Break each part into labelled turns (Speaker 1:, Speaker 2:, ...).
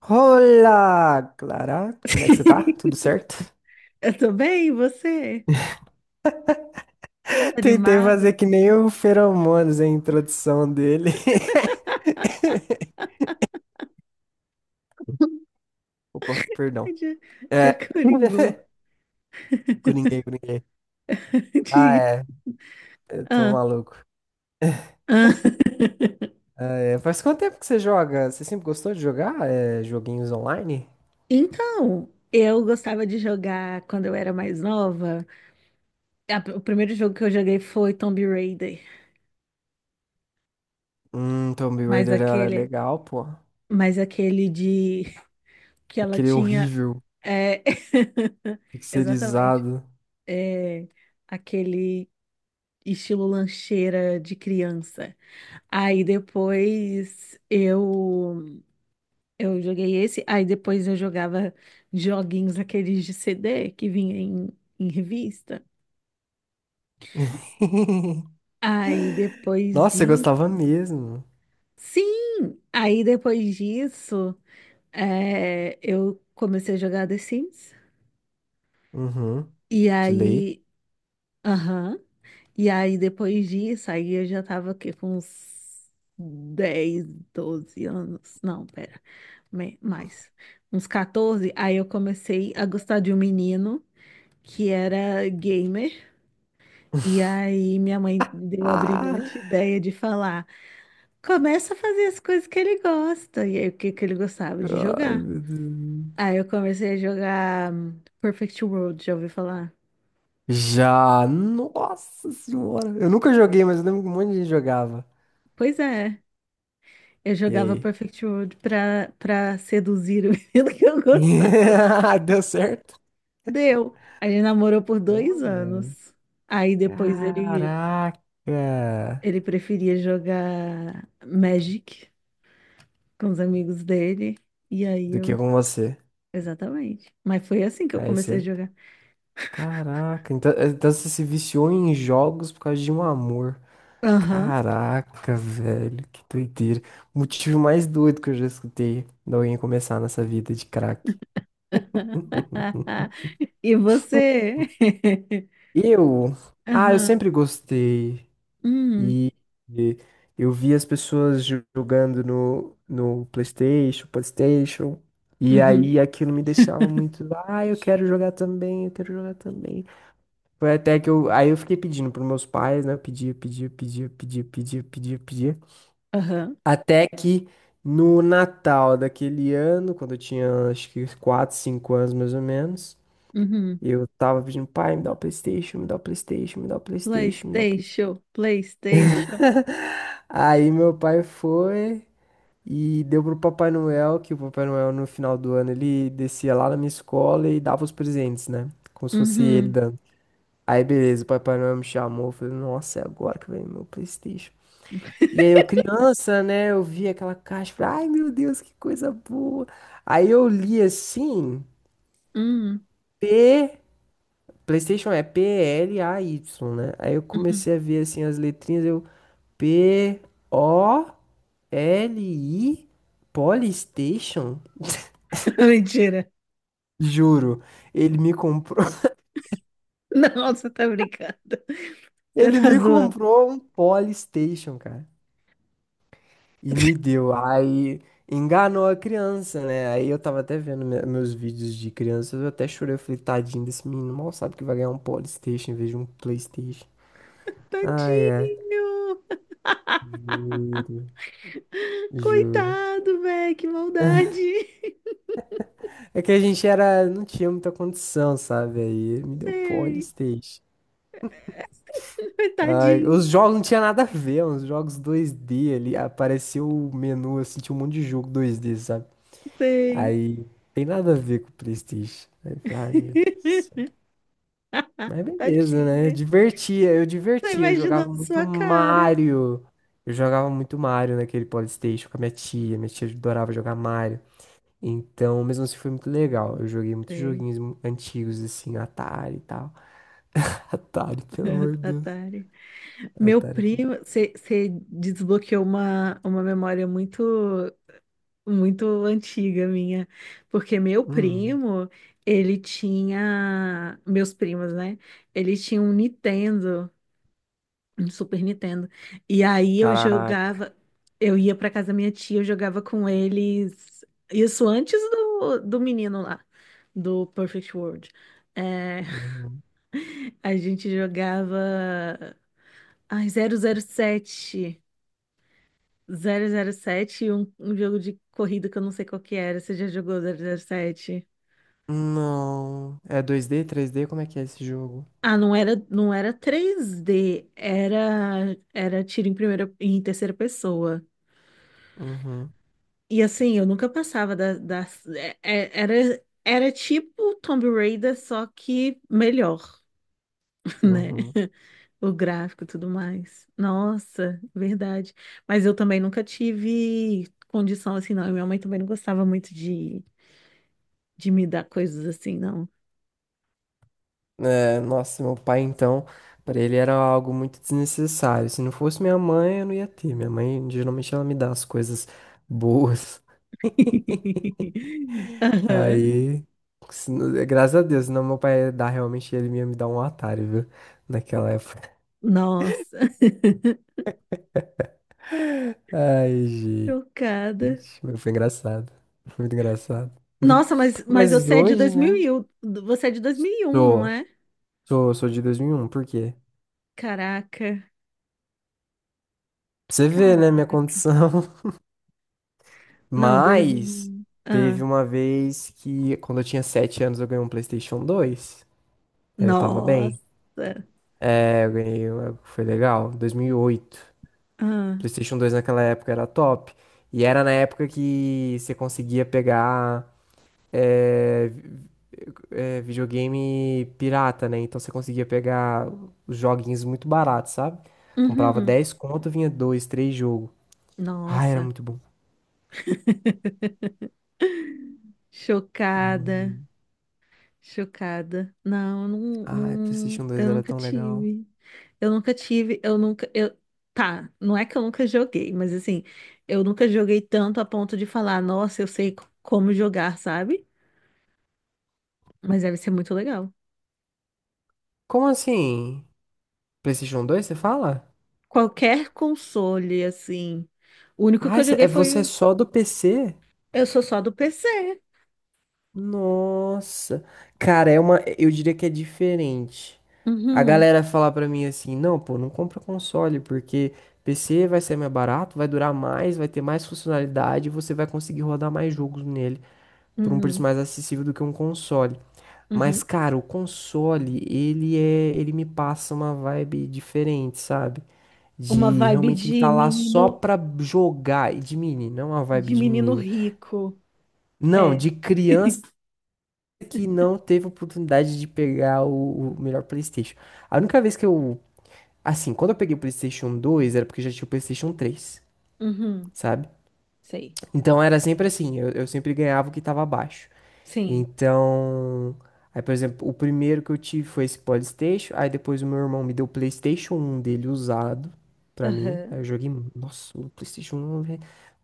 Speaker 1: Olá, Clara. Como é que você tá? Tudo certo?
Speaker 2: Eu tô bem, e você? Tá
Speaker 1: Tentei fazer
Speaker 2: animado?
Speaker 1: que nem o Feromonas, a introdução dele. Opa, perdão.
Speaker 2: Ai, dia
Speaker 1: É.
Speaker 2: Coringô.
Speaker 1: Coringuei, coringuei. Ah,
Speaker 2: Dia-
Speaker 1: é. Eu tô
Speaker 2: Ah,
Speaker 1: maluco.
Speaker 2: ah.
Speaker 1: Ah, é. Faz quanto tempo que você joga? Você sempre gostou de jogar joguinhos online?
Speaker 2: Então, eu gostava de jogar quando eu era mais nova. O primeiro jogo que eu joguei foi Tomb Raider,
Speaker 1: Tomb
Speaker 2: mas
Speaker 1: Raider era
Speaker 2: aquele,
Speaker 1: legal, pô.
Speaker 2: mas aquele de que ela
Speaker 1: Aquele
Speaker 2: tinha,
Speaker 1: horrível,
Speaker 2: é, exatamente,
Speaker 1: pixelizado.
Speaker 2: é, aquele estilo lancheira de criança. Aí depois eu joguei esse, aí depois eu jogava joguinhos aqueles de CD que vinha em revista. Aí depois
Speaker 1: Nossa, você
Speaker 2: de...
Speaker 1: gostava mesmo.
Speaker 2: Sim! Aí depois disso, é, eu comecei a jogar The Sims.
Speaker 1: Uhum.
Speaker 2: E
Speaker 1: De lei.
Speaker 2: aí... Aham. E aí depois disso, aí eu já tava o quê? Com uns 10, 12 anos. Não, pera. Mais, uns 14, aí eu comecei a gostar de um menino que era gamer. E aí minha mãe deu a
Speaker 1: Ah,
Speaker 2: brilhante ideia de falar: começa a fazer as coisas que ele gosta. E aí o que que ele gostava de
Speaker 1: ai,
Speaker 2: jogar?
Speaker 1: meu Deus.
Speaker 2: Aí eu comecei a jogar Perfect World, já ouviu falar?
Speaker 1: Já, nossa senhora. Eu nunca
Speaker 2: Oi.
Speaker 1: joguei, mas eu lembro que um monte de gente jogava.
Speaker 2: Pois é, eu
Speaker 1: E
Speaker 2: jogava
Speaker 1: aí?
Speaker 2: Perfect World pra seduzir o menino que eu gostava.
Speaker 1: Deu certo?
Speaker 2: Deu. A gente namorou por dois
Speaker 1: Olha.
Speaker 2: anos. Aí depois ele
Speaker 1: Caraca.
Speaker 2: Ele preferia jogar Magic com os amigos dele. E aí
Speaker 1: Do que
Speaker 2: eu.
Speaker 1: com você?
Speaker 2: Exatamente. Mas foi assim que eu
Speaker 1: Aí
Speaker 2: comecei a
Speaker 1: você.
Speaker 2: jogar.
Speaker 1: Caraca. Então você se viciou em jogos por causa de um amor.
Speaker 2: Aham.
Speaker 1: Caraca, velho. Que doideira. O motivo mais doido que eu já escutei de alguém começar nessa vida de crack.
Speaker 2: E você?
Speaker 1: Eu, eu
Speaker 2: Aham.
Speaker 1: sempre gostei
Speaker 2: Hum.
Speaker 1: e, e eu vi as pessoas jogando no PlayStation, PlayStation, e
Speaker 2: Uhum.
Speaker 1: aí aquilo me deixava muito, ah, eu quero jogar também, eu quero jogar também. Foi até que eu, Aí eu fiquei pedindo pros meus pais, né? Eu pedia, pedia, pedia, pedia, pedia, pedia, pedia.
Speaker 2: Aham.
Speaker 1: Até que no Natal daquele ano, quando eu tinha acho que 4 5 anos mais ou menos,
Speaker 2: Uhum.
Speaker 1: eu tava pedindo, pai, me dá o PlayStation, me dá o PlayStation, me dá o PlayStation, me dá o PlayStation.
Speaker 2: PlayStation. PlayStation.
Speaker 1: Aí meu pai foi e deu pro Papai Noel, que o Papai Noel no final do ano ele descia lá na minha escola e dava os presentes, né? Como se fosse ele
Speaker 2: Uhum.
Speaker 1: dando. Aí beleza, o Papai Noel me chamou, eu falei, nossa, é agora que vem meu PlayStation. E aí eu criança, né, eu vi aquela caixa, falei, ai meu Deus, que coisa boa. Aí eu li assim,
Speaker 2: Uhum.
Speaker 1: P, PlayStation é Play, né? Aí eu
Speaker 2: Uhum.
Speaker 1: comecei a ver assim as letrinhas, eu P-O... li Polystation?
Speaker 2: Mentira.
Speaker 1: Juro, ele me comprou.
Speaker 2: Não, você tá brincando. Você
Speaker 1: Ele
Speaker 2: tá
Speaker 1: me
Speaker 2: zoando.
Speaker 1: comprou um Polystation, cara. E me deu. Aí enganou a criança, né? Aí eu tava até vendo meus vídeos de criança, eu até chorei, eu falei, tadinho desse menino, mal sabe que vai ganhar um Polystation em vez de um PlayStation. Ai, é.
Speaker 2: Tadinho.
Speaker 1: Juro, juro.
Speaker 2: Coitado, velho. Que maldade.
Speaker 1: É que a gente era, não tinha muita condição, sabe? Aí ele me deu
Speaker 2: Sei.
Speaker 1: Polystation. Ai, os
Speaker 2: Tadinho,
Speaker 1: jogos não tinha nada a ver, uns jogos 2D ali. Apareceu o menu, assim, tinha um monte de jogo 2D, sabe?
Speaker 2: sei.
Speaker 1: Aí, tem nada a ver com o PlayStation. Aí, eu falei, ai, meu Deus do céu. Mas beleza, né?
Speaker 2: Tadinha. Tô
Speaker 1: Divertia. Eu jogava
Speaker 2: imaginando
Speaker 1: muito
Speaker 2: sua cara.
Speaker 1: Mario. Eu jogava muito Mario naquele PlayStation com a minha tia. Minha tia adorava jogar Mario. Então, mesmo assim, foi muito legal. Eu joguei muitos
Speaker 2: Sei.
Speaker 1: joguinhos antigos, assim, Atari e tal. Atari, pelo amor de Deus.
Speaker 2: Atari. Meu
Speaker 1: Atari.
Speaker 2: primo, você desbloqueou uma memória muito, muito antiga minha, porque meu
Speaker 1: Hum.
Speaker 2: primo, ele tinha, meus primos, né? Ele tinha um Nintendo. No Super Nintendo. E aí eu
Speaker 1: Caraca.
Speaker 2: jogava, eu ia pra casa da minha tia, eu jogava com eles, isso antes do, do menino lá, do Perfect World. É,
Speaker 1: Uhum.
Speaker 2: a gente jogava ai, 0007 007 e um jogo de corrida que eu não sei qual que era, você já jogou 007.
Speaker 1: Não. É 2D, 3D? Como é que é esse jogo?
Speaker 2: Ah, não era, não era 3D era, era tiro em primeira, em terceira pessoa.
Speaker 1: Uhum.
Speaker 2: E assim, eu nunca passava da. Era tipo Tomb Raider, só que melhor, né?
Speaker 1: Uhum.
Speaker 2: O gráfico e tudo mais. Nossa, verdade. Mas eu também nunca tive condição assim, não. E minha mãe também não gostava muito de me dar coisas assim, não.
Speaker 1: É, nossa, meu pai então, pra ele era algo muito desnecessário. Se não fosse minha mãe, eu não ia ter. Minha mãe, geralmente, ela me dá as coisas boas.
Speaker 2: Aham.
Speaker 1: Aí, se não- é, graças a Deus, senão meu pai ia dar realmente, ele ia me dar um Atari, viu? Naquela época.
Speaker 2: Nossa,
Speaker 1: Ai, gente,
Speaker 2: chocada.
Speaker 1: mas foi engraçado. Foi muito engraçado.
Speaker 2: Nossa, mas
Speaker 1: Mas
Speaker 2: você é de
Speaker 1: hoje, né?
Speaker 2: 2001, você é de 2001, não
Speaker 1: Sou,
Speaker 2: é?
Speaker 1: sou de 2001 por quê?
Speaker 2: Caraca.
Speaker 1: Pra você ver, né, minha
Speaker 2: Caraca.
Speaker 1: condição.
Speaker 2: Não,
Speaker 1: Mas
Speaker 2: 2000. Ah,
Speaker 1: teve uma vez que, quando eu tinha 7 anos, eu ganhei um PlayStation 2. É, eu tava bem.
Speaker 2: nossa.
Speaker 1: É, eu ganhei, foi legal. 2008.
Speaker 2: Ah,
Speaker 1: PlayStation 2 naquela época era top. E era na época que você conseguia pegar é, vi- videogame pirata, né? Então você conseguia pegar os joguinhos muito baratos, sabe? Comprava
Speaker 2: uhum.
Speaker 1: 10, conto, vinha 2, 3 jogos. Ah, era
Speaker 2: Nossa.
Speaker 1: muito bom.
Speaker 2: Chocada.
Speaker 1: Hum.
Speaker 2: Chocada. Não, eu não,
Speaker 1: Ai, PlayStation
Speaker 2: não,
Speaker 1: dois
Speaker 2: eu
Speaker 1: era
Speaker 2: nunca
Speaker 1: tão legal.
Speaker 2: tive. Eu nunca tive, eu nunca, eu, tá, não é que eu nunca joguei, mas assim, eu nunca joguei tanto a ponto de falar, nossa, eu sei como jogar, sabe? Mas deve ser muito legal.
Speaker 1: Como assim? PlayStation 2, você fala?
Speaker 2: Qualquer console, assim. O único que
Speaker 1: Ah,
Speaker 2: eu joguei foi,
Speaker 1: você é
Speaker 2: o-
Speaker 1: só do PC?
Speaker 2: eu sou só do PC.
Speaker 1: Nossa. Cara, eu diria que é diferente. A
Speaker 2: Uhum,
Speaker 1: galera fala pra mim assim: "Não, pô, não compra console porque PC vai ser mais barato, vai durar mais, vai ter mais funcionalidade, e você vai conseguir rodar mais jogos nele por um preço
Speaker 2: uhum,
Speaker 1: mais acessível do que um console". Mas,
Speaker 2: uhum.
Speaker 1: cara, o console, ele me passa uma vibe diferente, sabe?
Speaker 2: Uma
Speaker 1: De
Speaker 2: vibe
Speaker 1: realmente ele tá lá só pra jogar. E de menino, não é uma vibe
Speaker 2: de
Speaker 1: de
Speaker 2: menino
Speaker 1: menino.
Speaker 2: rico.
Speaker 1: Não,
Speaker 2: É.
Speaker 1: de criança que não teve oportunidade de pegar o melhor PlayStation. A única vez que eu. Assim, quando eu peguei o PlayStation 2, era porque eu já tinha o PlayStation 3,
Speaker 2: Uhum,
Speaker 1: sabe?
Speaker 2: sei.
Speaker 1: Então era sempre assim, eu sempre ganhava o que tava abaixo.
Speaker 2: Sim.
Speaker 1: Então, aí, por exemplo, o primeiro que eu tive foi esse PlayStation. Aí depois o meu irmão me deu o PlayStation 1 dele usado pra mim. Aí
Speaker 2: Aham,
Speaker 1: eu joguei, nossa, o PlayStation 1 eu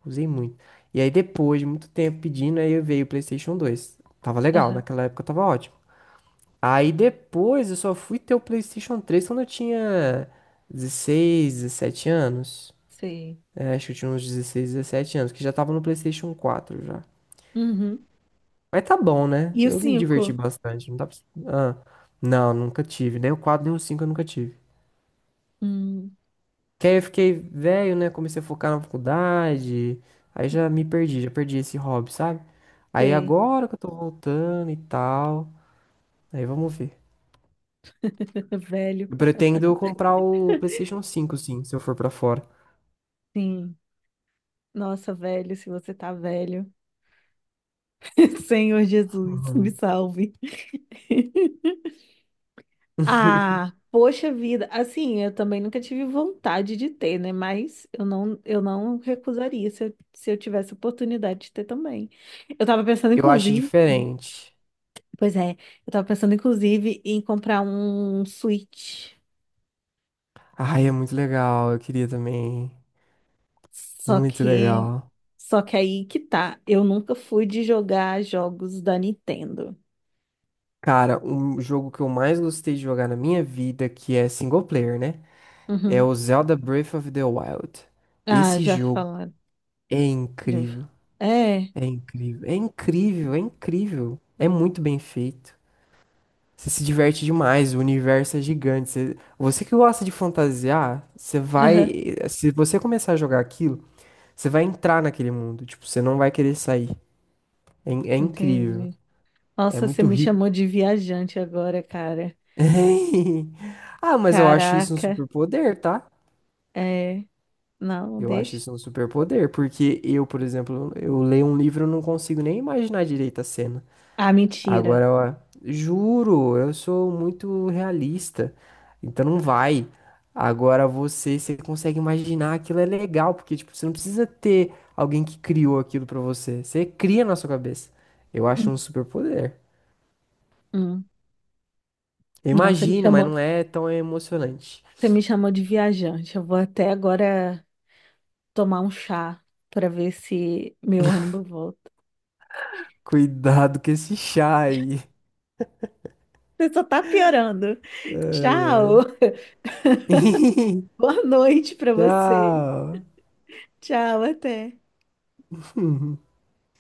Speaker 1: usei muito. E aí depois de muito tempo pedindo, aí veio o PlayStation 2. Tava legal,
Speaker 2: aham,
Speaker 1: naquela época tava ótimo. Aí depois eu só fui ter o PlayStation 3 quando eu tinha 16 17 anos.
Speaker 2: sei.
Speaker 1: É, acho que eu tinha uns 16 17 anos, que já tava no PlayStation 4 já.
Speaker 2: Uhum.
Speaker 1: Mas tá bom, né?
Speaker 2: E o
Speaker 1: Eu me diverti
Speaker 2: cinco?
Speaker 1: bastante. Não dá pra... Ah, não, nunca tive. Nem o 4, nem o 5 eu nunca tive.
Speaker 2: Hum,
Speaker 1: Que aí eu fiquei velho, né? Comecei a focar na faculdade. Aí já me perdi, já perdi esse hobby, sabe? Aí
Speaker 2: sei.
Speaker 1: agora que eu tô voltando e tal. Aí vamos ver.
Speaker 2: Velho.
Speaker 1: Eu pretendo comprar o PlayStation 5 sim, se eu for pra fora.
Speaker 2: Sim. Nossa, velho, se você tá velho. Senhor Jesus, me
Speaker 1: Uhum.
Speaker 2: salve. Ah, poxa vida. Assim, eu também nunca tive vontade de ter, né? Mas eu não recusaria se eu tivesse oportunidade de ter também. Eu tava pensando,
Speaker 1: Eu acho
Speaker 2: inclusive,
Speaker 1: diferente.
Speaker 2: pois é, eu tava pensando, inclusive, em comprar um Switch.
Speaker 1: Ai, é muito legal. Eu queria também.
Speaker 2: Só
Speaker 1: Muito
Speaker 2: que,
Speaker 1: legal.
Speaker 2: só que aí que tá. Eu nunca fui de jogar jogos da Nintendo.
Speaker 1: Cara, um jogo que eu mais gostei de jogar na minha vida, que é single player, né? É
Speaker 2: Uhum.
Speaker 1: o Zelda Breath of the Wild.
Speaker 2: Ah,
Speaker 1: Esse
Speaker 2: já
Speaker 1: jogo
Speaker 2: falaram.
Speaker 1: é
Speaker 2: Já... ouvi falar.
Speaker 1: incrível,
Speaker 2: É,
Speaker 1: é incrível, é incrível, é incrível. É muito bem feito. Você se diverte demais, o universo é gigante. Você que gosta de fantasiar,
Speaker 2: aham,
Speaker 1: se você começar a jogar aquilo, você vai entrar naquele mundo, tipo, você não vai querer sair. É incrível,
Speaker 2: entendi.
Speaker 1: é
Speaker 2: Nossa, você
Speaker 1: muito
Speaker 2: me
Speaker 1: rico.
Speaker 2: chamou de viajante agora, cara.
Speaker 1: Ah, mas eu acho isso um
Speaker 2: Caraca,
Speaker 1: superpoder, tá?
Speaker 2: é. Não,
Speaker 1: Eu acho
Speaker 2: deixa.
Speaker 1: isso um superpoder, porque eu, por exemplo, eu leio um livro e não consigo nem imaginar direito a cena.
Speaker 2: Ah, mentira.
Speaker 1: Agora, ó, juro, eu sou muito realista, então não vai. Agora você consegue imaginar aquilo é legal, porque tipo, você não precisa ter alguém que criou aquilo pra você. Você cria na sua cabeça. Eu acho um superpoder.
Speaker 2: Hum.
Speaker 1: Eu
Speaker 2: Não,
Speaker 1: imagino, mas não é tão emocionante.
Speaker 2: você me chamou de viajante. Eu vou até agora tomar um chá para ver se meu ônibus volta.
Speaker 1: Cuidado com esse chá aí.
Speaker 2: Você só tá piorando. Tchau. Boa noite para você.
Speaker 1: Tchau.
Speaker 2: Tchau, até.